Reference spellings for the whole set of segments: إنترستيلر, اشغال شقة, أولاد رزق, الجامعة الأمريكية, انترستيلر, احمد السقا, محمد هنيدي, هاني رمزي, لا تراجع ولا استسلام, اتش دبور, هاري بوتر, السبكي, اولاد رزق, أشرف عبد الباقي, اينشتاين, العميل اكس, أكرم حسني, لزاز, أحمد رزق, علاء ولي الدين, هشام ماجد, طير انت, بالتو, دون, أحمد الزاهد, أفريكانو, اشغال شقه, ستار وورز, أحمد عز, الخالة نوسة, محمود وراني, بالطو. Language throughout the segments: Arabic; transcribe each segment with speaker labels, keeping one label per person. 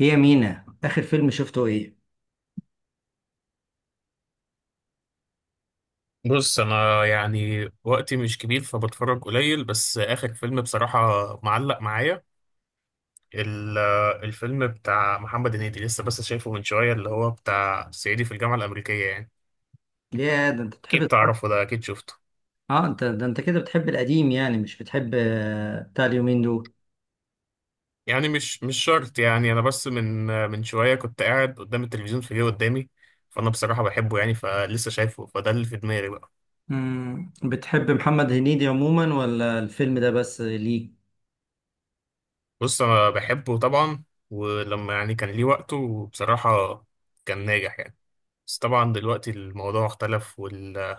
Speaker 1: هي مينا، اخر فيلم شفته ايه؟
Speaker 2: بص، انا يعني وقتي مش كبير فبتفرج قليل. بس اخر فيلم بصراحة معلق معايا، ال- الفيلم بتاع محمد هنيدي لسه بس شايفه من شوية، اللي هو بتاع صعيدي في الجامعة الأمريكية. يعني
Speaker 1: يا ده انت بتحب
Speaker 2: اكيد
Speaker 1: تتفرج-
Speaker 2: تعرفه، ده اكيد شفته.
Speaker 1: اه انت ده انت كده بتحب القديم، يعني مش بتحب بتاع اليومين دول.
Speaker 2: يعني مش شرط، يعني انا بس من شوية كنت قاعد قدام التلفزيون فجأة قدامي، فانا بصراحة بحبه يعني فلسه شايفه، فده اللي في دماغي بقى.
Speaker 1: مم. بتحب محمد هنيدي عموما ولا الفيلم ده بس، ليه؟
Speaker 2: بص انا بحبه طبعا، ولما يعني كان ليه وقته بصراحة كان ناجح يعني. بس طبعا دلوقتي الموضوع اختلف وال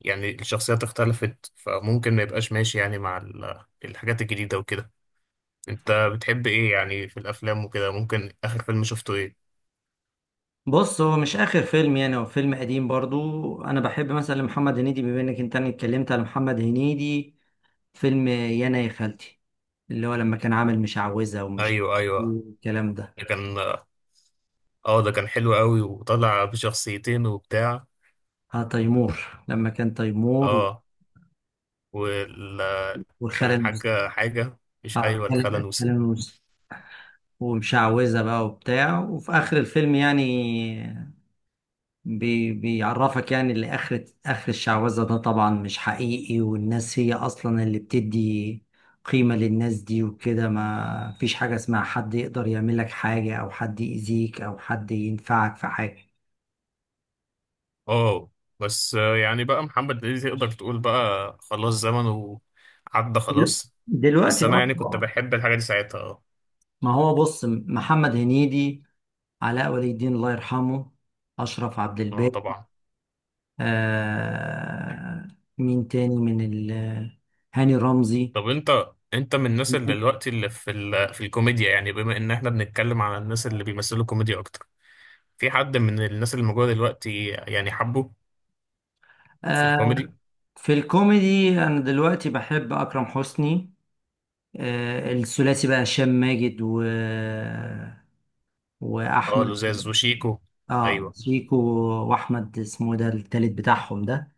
Speaker 2: يعني الشخصيات اختلفت، فممكن ما يبقاش ماشي يعني مع الحاجات الجديدة وكده. انت بتحب ايه يعني في الافلام وكده؟ ممكن اخر فيلم شفته ايه؟
Speaker 1: بص، هو مش اخر فيلم، يعني هو فيلم قديم برضو. انا بحب مثلا محمد هنيدي. بما انك انت أنا اتكلمت على محمد هنيدي، فيلم يانا يا خالتي، اللي هو لما كان عامل مشعوذة ومش
Speaker 2: ايوه ايوه،
Speaker 1: الكلام ده.
Speaker 2: ده كان، اه ده كان حلو قوي وطلع بشخصيتين وبتاع.
Speaker 1: اه تيمور لما كان تيمور.
Speaker 2: اه وكان
Speaker 1: والخالة المس-
Speaker 2: الحاجة حاجة،
Speaker 1: اه
Speaker 2: مش، ايوه
Speaker 1: الخالة
Speaker 2: الخالة
Speaker 1: الخالة
Speaker 2: نوسة.
Speaker 1: المس- ومشعوذة بقى وبتاع. وفي آخر الفيلم يعني بيعرفك، يعني اللي آخر الشعوذة ده طبعا مش حقيقي، والناس هي أصلا اللي بتدي قيمة للناس دي وكده. ما فيش حاجة اسمها حد يقدر يعمل لك حاجة، أو حد يأذيك، أو حد ينفعك في حاجة.
Speaker 2: اه. بس يعني بقى محمد هنيدي تقدر تقول بقى خلاص زمنه عدى خلاص.
Speaker 1: دلوقتي
Speaker 2: بس انا يعني كنت
Speaker 1: أصلا.
Speaker 2: بحب الحاجة دي ساعتها
Speaker 1: ما هو بص، محمد هنيدي، علاء ولي الدين الله يرحمه، أشرف عبد
Speaker 2: اه
Speaker 1: الباقي،
Speaker 2: طبعا.
Speaker 1: آه مين تاني من ال... هاني رمزي.
Speaker 2: طب انت من الناس اللي دلوقتي اللي في الكوميديا، يعني بما ان احنا بنتكلم على الناس اللي بيمثلوا كوميديا اكتر، في حد من الناس اللي موجوده دلوقتي يعني حبه في
Speaker 1: آه
Speaker 2: الكوميدي؟
Speaker 1: في الكوميدي، أنا دلوقتي بحب أكرم حسني. الثلاثي بقى، هشام ماجد و...
Speaker 2: اه
Speaker 1: وأحمد.
Speaker 2: لزاز وشيكو.
Speaker 1: اه
Speaker 2: ايوه.
Speaker 1: شيكو. وأحمد اسمه ده التالت بتاعهم ده.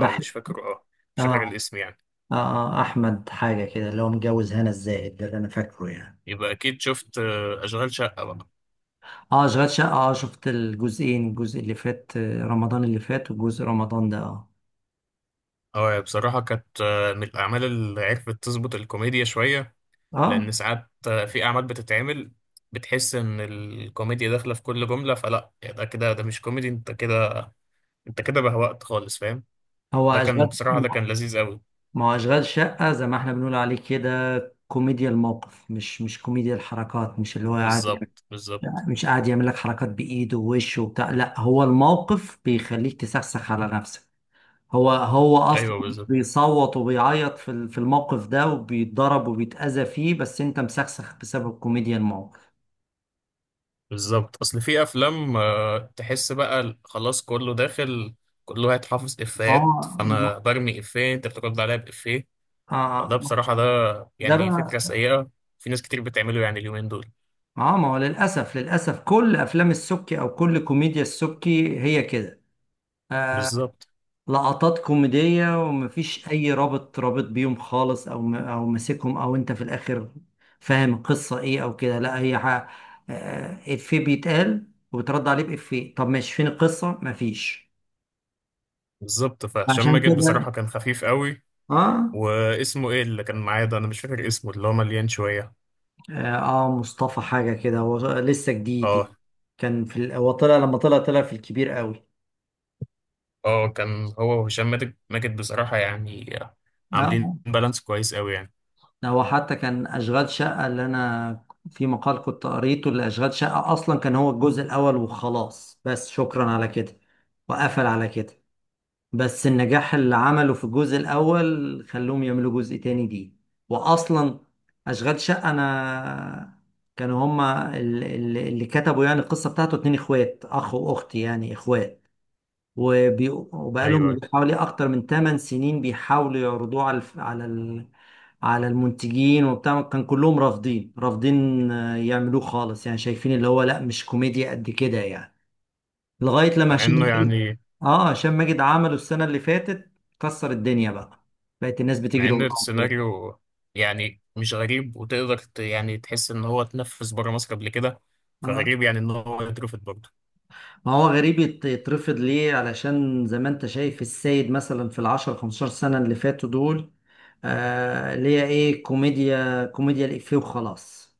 Speaker 2: اه مش فاكر، اه مش فاكر
Speaker 1: اه
Speaker 2: الاسم يعني.
Speaker 1: أحمد حاجة كده، اللي هو متجوز هنا الزاهد، ده اللي أنا فاكره يعني.
Speaker 2: يبقى اكيد شفت اشغال شقه بقى.
Speaker 1: اه، أشغال شقة. اه شفت الجزئين، الجزء اللي فات رمضان اللي فات وجزء رمضان ده. اه
Speaker 2: اه بصراحه كانت من الاعمال اللي عرفت تظبط الكوميديا شويه.
Speaker 1: اه.
Speaker 2: لان ساعات في اعمال بتتعمل بتحس ان الكوميديا داخله في كل جمله، فلا يعني ده كده، ده مش كوميدي، انت كده انت كده بهوأت خالص، فاهم.
Speaker 1: هو
Speaker 2: ده كان
Speaker 1: اشغال.
Speaker 2: بصراحة، ده كان لذيذ قوي.
Speaker 1: ما هو اشغال شقه زي ما احنا بنقول عليه كده، كوميديا الموقف، مش كوميديا الحركات، مش اللي هو قاعد يعمل-
Speaker 2: بالظبط بالظبط.
Speaker 1: مش قاعد يعمل لك حركات بايده ووشه وبتاع، لا هو الموقف بيخليك تسخسخ على نفسك. هو اصلا
Speaker 2: ايوه بالظبط.
Speaker 1: بيصوت وبيعيط في الموقف ده، وبيتضرب وبيتاذى فيه، بس انت مسخسخ بسبب كوميديا الموقف.
Speaker 2: بالظبط، اصل في افلام تحس بقى ال- خلاص كله داخل، كله هيتحفظ افيهات،
Speaker 1: اه ما-
Speaker 2: فانا برمي افيه انت بترد عليا بافيه. فده
Speaker 1: اه ما-
Speaker 2: بصراحة ده
Speaker 1: ده
Speaker 2: يعني فكرة
Speaker 1: بقى.
Speaker 2: سيئة، في ناس كتير بتعمله يعني اليومين دول.
Speaker 1: اه ما هو للاسف، للاسف كل افلام السبكي او كل كوميديا السبكي هي كده. آه،
Speaker 2: بالظبط
Speaker 1: لقطات كوميدية، ومفيش أي رابط بيهم خالص، أو م- أو ماسكهم، أو أنت في الآخر فاهم القصة إيه أو كده. لا هي ح- إفيه بيتقال وبترد عليه بإفيه، طب ماشي فين القصة؟ مفيش.
Speaker 2: بالظبط. فهشام
Speaker 1: عشان
Speaker 2: ماجد بصراحة
Speaker 1: كده.
Speaker 2: كان خفيف قوي.
Speaker 1: آه
Speaker 2: واسمه ايه اللي كان معايا ده؟ انا مش فاكر اسمه، اللي هو مليان شوية.
Speaker 1: آه مصطفى حاجة كده، هو لسه جديد يعني.
Speaker 2: اه
Speaker 1: كان في ال- هو طلع لما طلع في الكبير قوي.
Speaker 2: اه، كان هو وهشام ماجد بصراحة يعني عاملين
Speaker 1: آه
Speaker 2: بالانس كويس قوي يعني.
Speaker 1: هو حتى كان اشغال شقه، اللي انا في مقال كنت قريته لاشغال شقه اصلا كان هو الجزء الاول وخلاص، بس شكرا على كده وقفل على كده. بس النجاح اللي عمله في الجزء الاول خلوهم يعملوا جزء تاني دي. واصلا اشغال شقه، انا كانوا هما اللي كتبوا يعني القصه بتاعته اتنين اخوات، اخ واخت يعني اخوات. وبي... وبقالهم
Speaker 2: ايوه.
Speaker 1: حوالي اكتر من 8 سنين بيحاولوا يعرضوه على الف... على ال... على المنتجين وبتاع. كان كلهم رافضين، رافضين يعملوه خالص يعني، شايفين اللي هو لا مش كوميديا قد كده يعني. لغاية لما
Speaker 2: مع
Speaker 1: هشام
Speaker 2: انه
Speaker 1: ماجد،
Speaker 2: يعني،
Speaker 1: هشام ماجد عمله السنة اللي فاتت، كسر الدنيا بقى، بقت الناس
Speaker 2: مع
Speaker 1: بتجري
Speaker 2: ان
Speaker 1: وراه.
Speaker 2: السيناريو يعني مش غريب، وتقدر يعني تحس ان هو اتنفذ بره مصر قبل كده، فغريب يعني ان هو اترفض برضه.
Speaker 1: ما هو غريب يت- يترفض ليه؟ علشان زي ما انت شايف السيد مثلا في العشر خمستاشر سنة اللي فاتوا دول اللي هي ايه، كوميديا، كوميديا الإفيه وخلاص.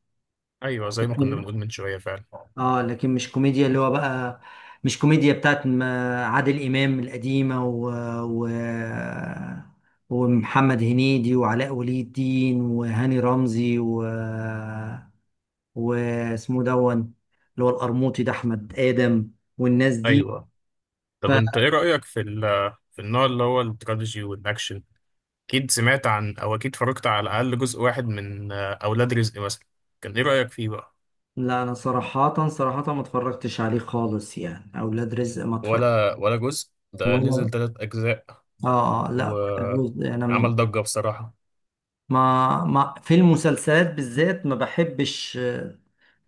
Speaker 2: ايوه زي ما كنا
Speaker 1: لكن،
Speaker 2: بنقول من شوية فعلا.
Speaker 1: اه لكن مش كوميديا اللي هو بقى، مش كوميديا بتاعت ما- عادل إمام القديمة و, و ومحمد هنيدي وعلاء ولي الدين وهاني رمزي و... واسمه دون، اللي هو القرموطي ده أحمد آدم، والناس دي.
Speaker 2: ايوه. طب انت ايه رأيك في ال في النوع اللي هو التراجيدي والاكشن؟ اكيد سمعت عن، او اكيد اتفرجت على الاقل جزء واحد من اولاد رزق مثلا. كان ايه رأيك فيه بقى؟
Speaker 1: لا انا صراحة صراحة ما اتفرجتش عليه خالص يعني، اولاد رزق ما اتفرج.
Speaker 2: ولا جزء. ده
Speaker 1: ولا
Speaker 2: نزل 3 أجزاء
Speaker 1: لا ولا جزء، انا
Speaker 2: وعمل
Speaker 1: م-
Speaker 2: ضجة بصراحة.
Speaker 1: ما في المسلسلات بالذات ما بحبش،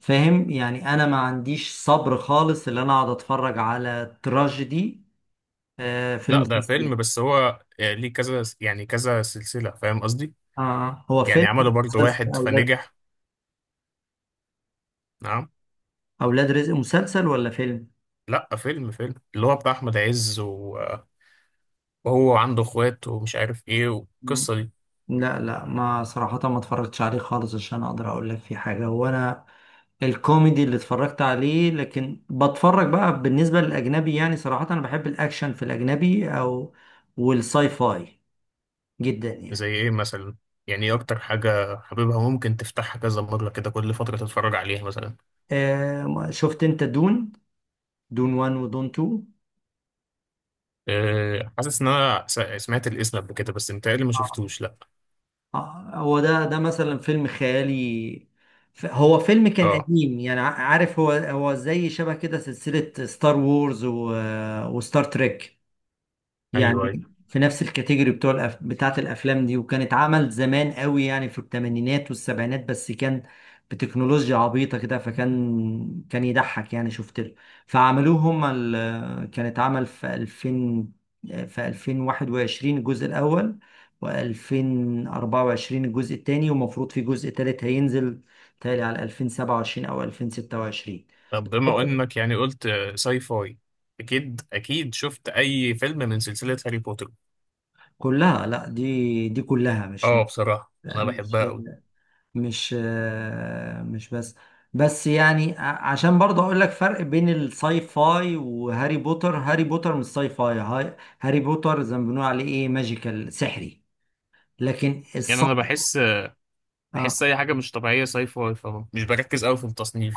Speaker 1: فاهم يعني، انا ما عنديش صبر خالص اللي انا اقعد اتفرج على تراجيدي في
Speaker 2: لا ده
Speaker 1: المسلسلات.
Speaker 2: فيلم، بس هو ليه كذا يعني كذا سلسلة، فاهم قصدي؟
Speaker 1: هو
Speaker 2: يعني
Speaker 1: فيلم ولا
Speaker 2: عملوا برضه
Speaker 1: مسلسل
Speaker 2: واحد
Speaker 1: اولاد؟
Speaker 2: فنجح. نعم.
Speaker 1: اولاد رزق مسلسل ولا فيلم؟
Speaker 2: لا فيلم فيلم، اللي هو بتاع أحمد عز و- وهو عنده إخوات ومش عارف إيه
Speaker 1: مم.
Speaker 2: والقصة دي.
Speaker 1: لا لا، ما صراحة ما اتفرجتش عليه خالص عشان اقدر اقول لك في حاجة، وانا الكوميدي اللي اتفرجت عليه، لكن بتفرج بقى. بالنسبة للأجنبي يعني صراحة أنا بحب الأكشن في الأجنبي أو والساي فاي جدا
Speaker 2: زي
Speaker 1: يعني.
Speaker 2: إيه مثلا؟ يعني إيه أكتر حاجة حبيبها ممكن تفتحها كذا مرة كده كل فترة تتفرج عليها مثلا؟
Speaker 1: شفت أنت دون؟ دون 1 ودون 2.
Speaker 2: حاسس إن أنا سمعت الاسم قبل كده، بس متهيألي ما
Speaker 1: آه.
Speaker 2: شفتوش لا.
Speaker 1: هو ده مثلا فيلم خيالي. ف- هو فيلم كان
Speaker 2: اه
Speaker 1: قديم يعني، ع- عارف، هو زي شبه كده سلسلة ستار وورز و... وستار تريك
Speaker 2: ايوه
Speaker 1: يعني،
Speaker 2: أيوة.
Speaker 1: في نفس الكاتيجوري بتوع الأف... بتاعت الافلام دي. وكانت عمل زمان قوي يعني في الثمانينات والسبعينات، بس كان بتكنولوجيا عبيطة كده، فكان كان يضحك يعني شفت له. فعملوه هما ال... كانت عمل في 2000، في 2021 الجزء الاول، و2024 الجزء الثاني، ومفروض في جزء ثالث هينزل تالي على 2027 او 2026.
Speaker 2: طب بما انك يعني قلت ساي فاي، اكيد اكيد شفت اي فيلم من سلسلة هاري بوتر.
Speaker 1: كلها. لا، دي كلها
Speaker 2: اه بصراحة انا
Speaker 1: مش
Speaker 2: بحبها قوي.
Speaker 1: مش بس. بس يعني ع- عشان برضه اقول لك فرق بين الساي فاي وهاري بوتر، هاري بوتر مش ساي فاي. هاي- هاري بوتر زي ما بنقول عليه ايه، ماجيكال، سحري. لكن
Speaker 2: يعني
Speaker 1: الساي،
Speaker 2: انا بحس
Speaker 1: اه
Speaker 2: بحس اي حاجة مش طبيعية ساي فاي، فمش بركز قوي في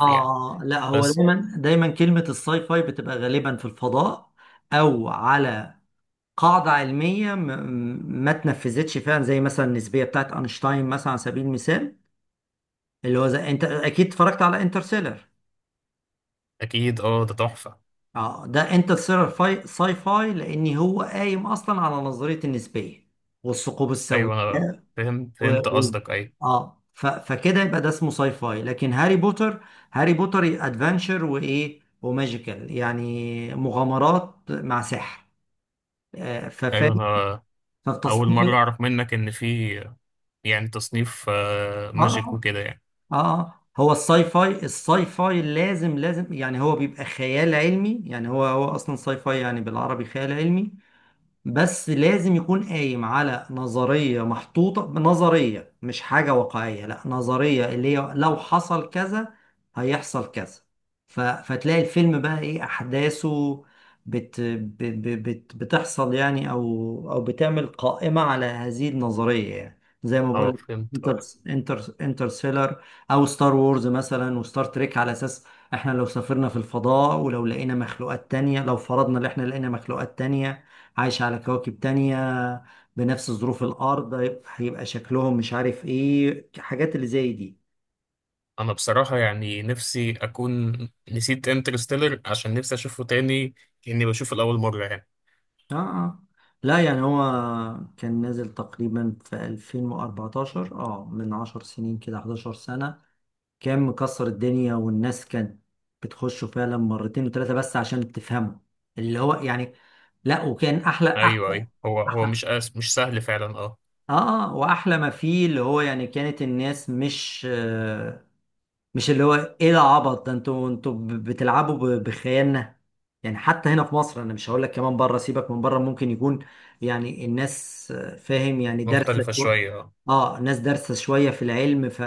Speaker 1: اه
Speaker 2: يعني.
Speaker 1: لا هو
Speaker 2: بس.
Speaker 1: دايما، دايما كلمة الساي فاي بتبقى غالبا في الفضاء، او على قاعدة علمية ما تنفذتش فعلا، زي مثلا النسبية بتاعت اينشتاين مثلا على سبيل المثال، اللي هو زي انت اكيد اتفرجت على انترستيلر.
Speaker 2: اكيد اه ده تحفة.
Speaker 1: اه ده انترستيلر فاي، ساي فاي، لان هو قايم اصلا على نظريه النسبيه والثقوب السوداء.
Speaker 2: ايوه انا فهمت
Speaker 1: و...
Speaker 2: فهمت
Speaker 1: و...
Speaker 2: قصدك، ايوه.
Speaker 1: اه ف... فكده يبقى ده اسمه ساي فاي. لكن هاري بوتر، هاري بوتر ادفنشر وايه، وماجيكال يعني مغامرات مع سحر.
Speaker 2: ايوه
Speaker 1: ففاهم،
Speaker 2: انا اول مرة
Speaker 1: فالتصنيف.
Speaker 2: اعرف منك ان في يعني تصنيف
Speaker 1: اه
Speaker 2: ماجيك
Speaker 1: اه
Speaker 2: وكده يعني.
Speaker 1: هو الساي فاي، الساي فاي لازم، لازم يعني هو بيبقى خيال علمي يعني، هو اصلا ساي فاي يعني بالعربي خيال علمي. بس لازم يكون قايم على نظرية محطوطة، نظرية مش حاجة واقعية، لا نظرية اللي هي لو حصل كذا هيحصل كذا. ف... فتلاقي الفيلم بقى ايه أحداثه، بت... ب... ب... بت... بتحصل يعني، أو أو بتعمل قائمة على هذه النظرية يعني، زي ما
Speaker 2: اه
Speaker 1: بقول،
Speaker 2: فهمت
Speaker 1: انتر،
Speaker 2: اه.
Speaker 1: انترستيلر او ستار وورز مثلا وستار تريك، على اساس احنا لو سافرنا في الفضاء ولو لقينا مخلوقات تانية، لو فرضنا ان احنا لقينا مخلوقات تانية عايش على كواكب تانية بنفس ظروف الأرض، هيبقى شكلهم مش عارف إيه، حاجات اللي زي دي.
Speaker 2: انا بصراحة يعني نفسي اكون نسيت انترستيلر عشان نفسي اشوفه تاني، كأني بشوفه لأول مرة يعني.
Speaker 1: آه آه لا يعني هو كان نازل تقريبا في 2014، اه من 10 سنين كده، 11 سنة. كان مكسر الدنيا والناس كانت بتخشه فعلا مرتين وثلاثة بس عشان تفهمه، اللي هو يعني. لا، وكان أحلى،
Speaker 2: ايوه
Speaker 1: أحلى،
Speaker 2: ايوه، هو
Speaker 1: أحلى
Speaker 2: مش مش سهل فعلا اه.
Speaker 1: وأحلى ما فيه اللي هو يعني كانت الناس مش، مش اللي هو ايه ده عبط ده، انتوا ب- بتلعبوا ب- بخيالنا يعني. حتى هنا في مصر انا مش هقول لك، كمان بره سيبك من بره، ممكن يكون يعني الناس فاهم يعني دارسه
Speaker 2: مختلفة
Speaker 1: شويه.
Speaker 2: شوية اه.
Speaker 1: اه الناس دارسه شويه في العلم، ف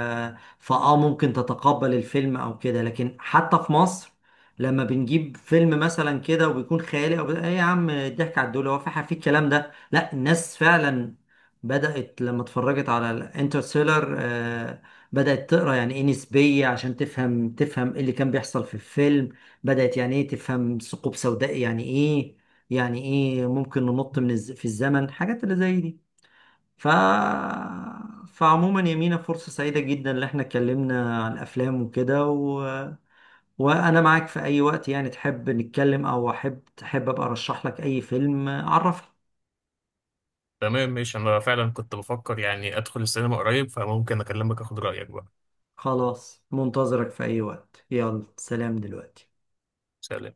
Speaker 1: فاه ممكن تتقبل الفيلم او كده. لكن حتى في مصر لما بنجيب فيلم مثلا كده، وبيكون خيالي او ايه، يا عم الضحك على الدول، هو في حاجه في الكلام ده؟ لا، الناس فعلا بدأت لما اتفرجت على الانترستيلر بدأت تقرا يعني ايه نسبية عشان تفهم، تفهم ايه اللي كان بيحصل في الفيلم، بدأت يعني ايه تفهم ثقوب سوداء يعني ايه، يعني ايه ممكن ننط من الز... في الزمن، حاجات اللي زي دي. ف فعموما يا مينا، فرصة سعيدة جدا اللي احنا اتكلمنا عن افلام وكده و... وانا معاك في اي وقت يعني، تحب نتكلم او احب تحب ابقى ارشح لك اي فيلم عرفني.
Speaker 2: تمام ماشي، انا فعلا كنت بفكر يعني ادخل السينما قريب فممكن اكلمك اخد رأيك بقى.
Speaker 1: خلاص منتظرك في اي وقت، يلا سلام دلوقتي.
Speaker 2: سلام.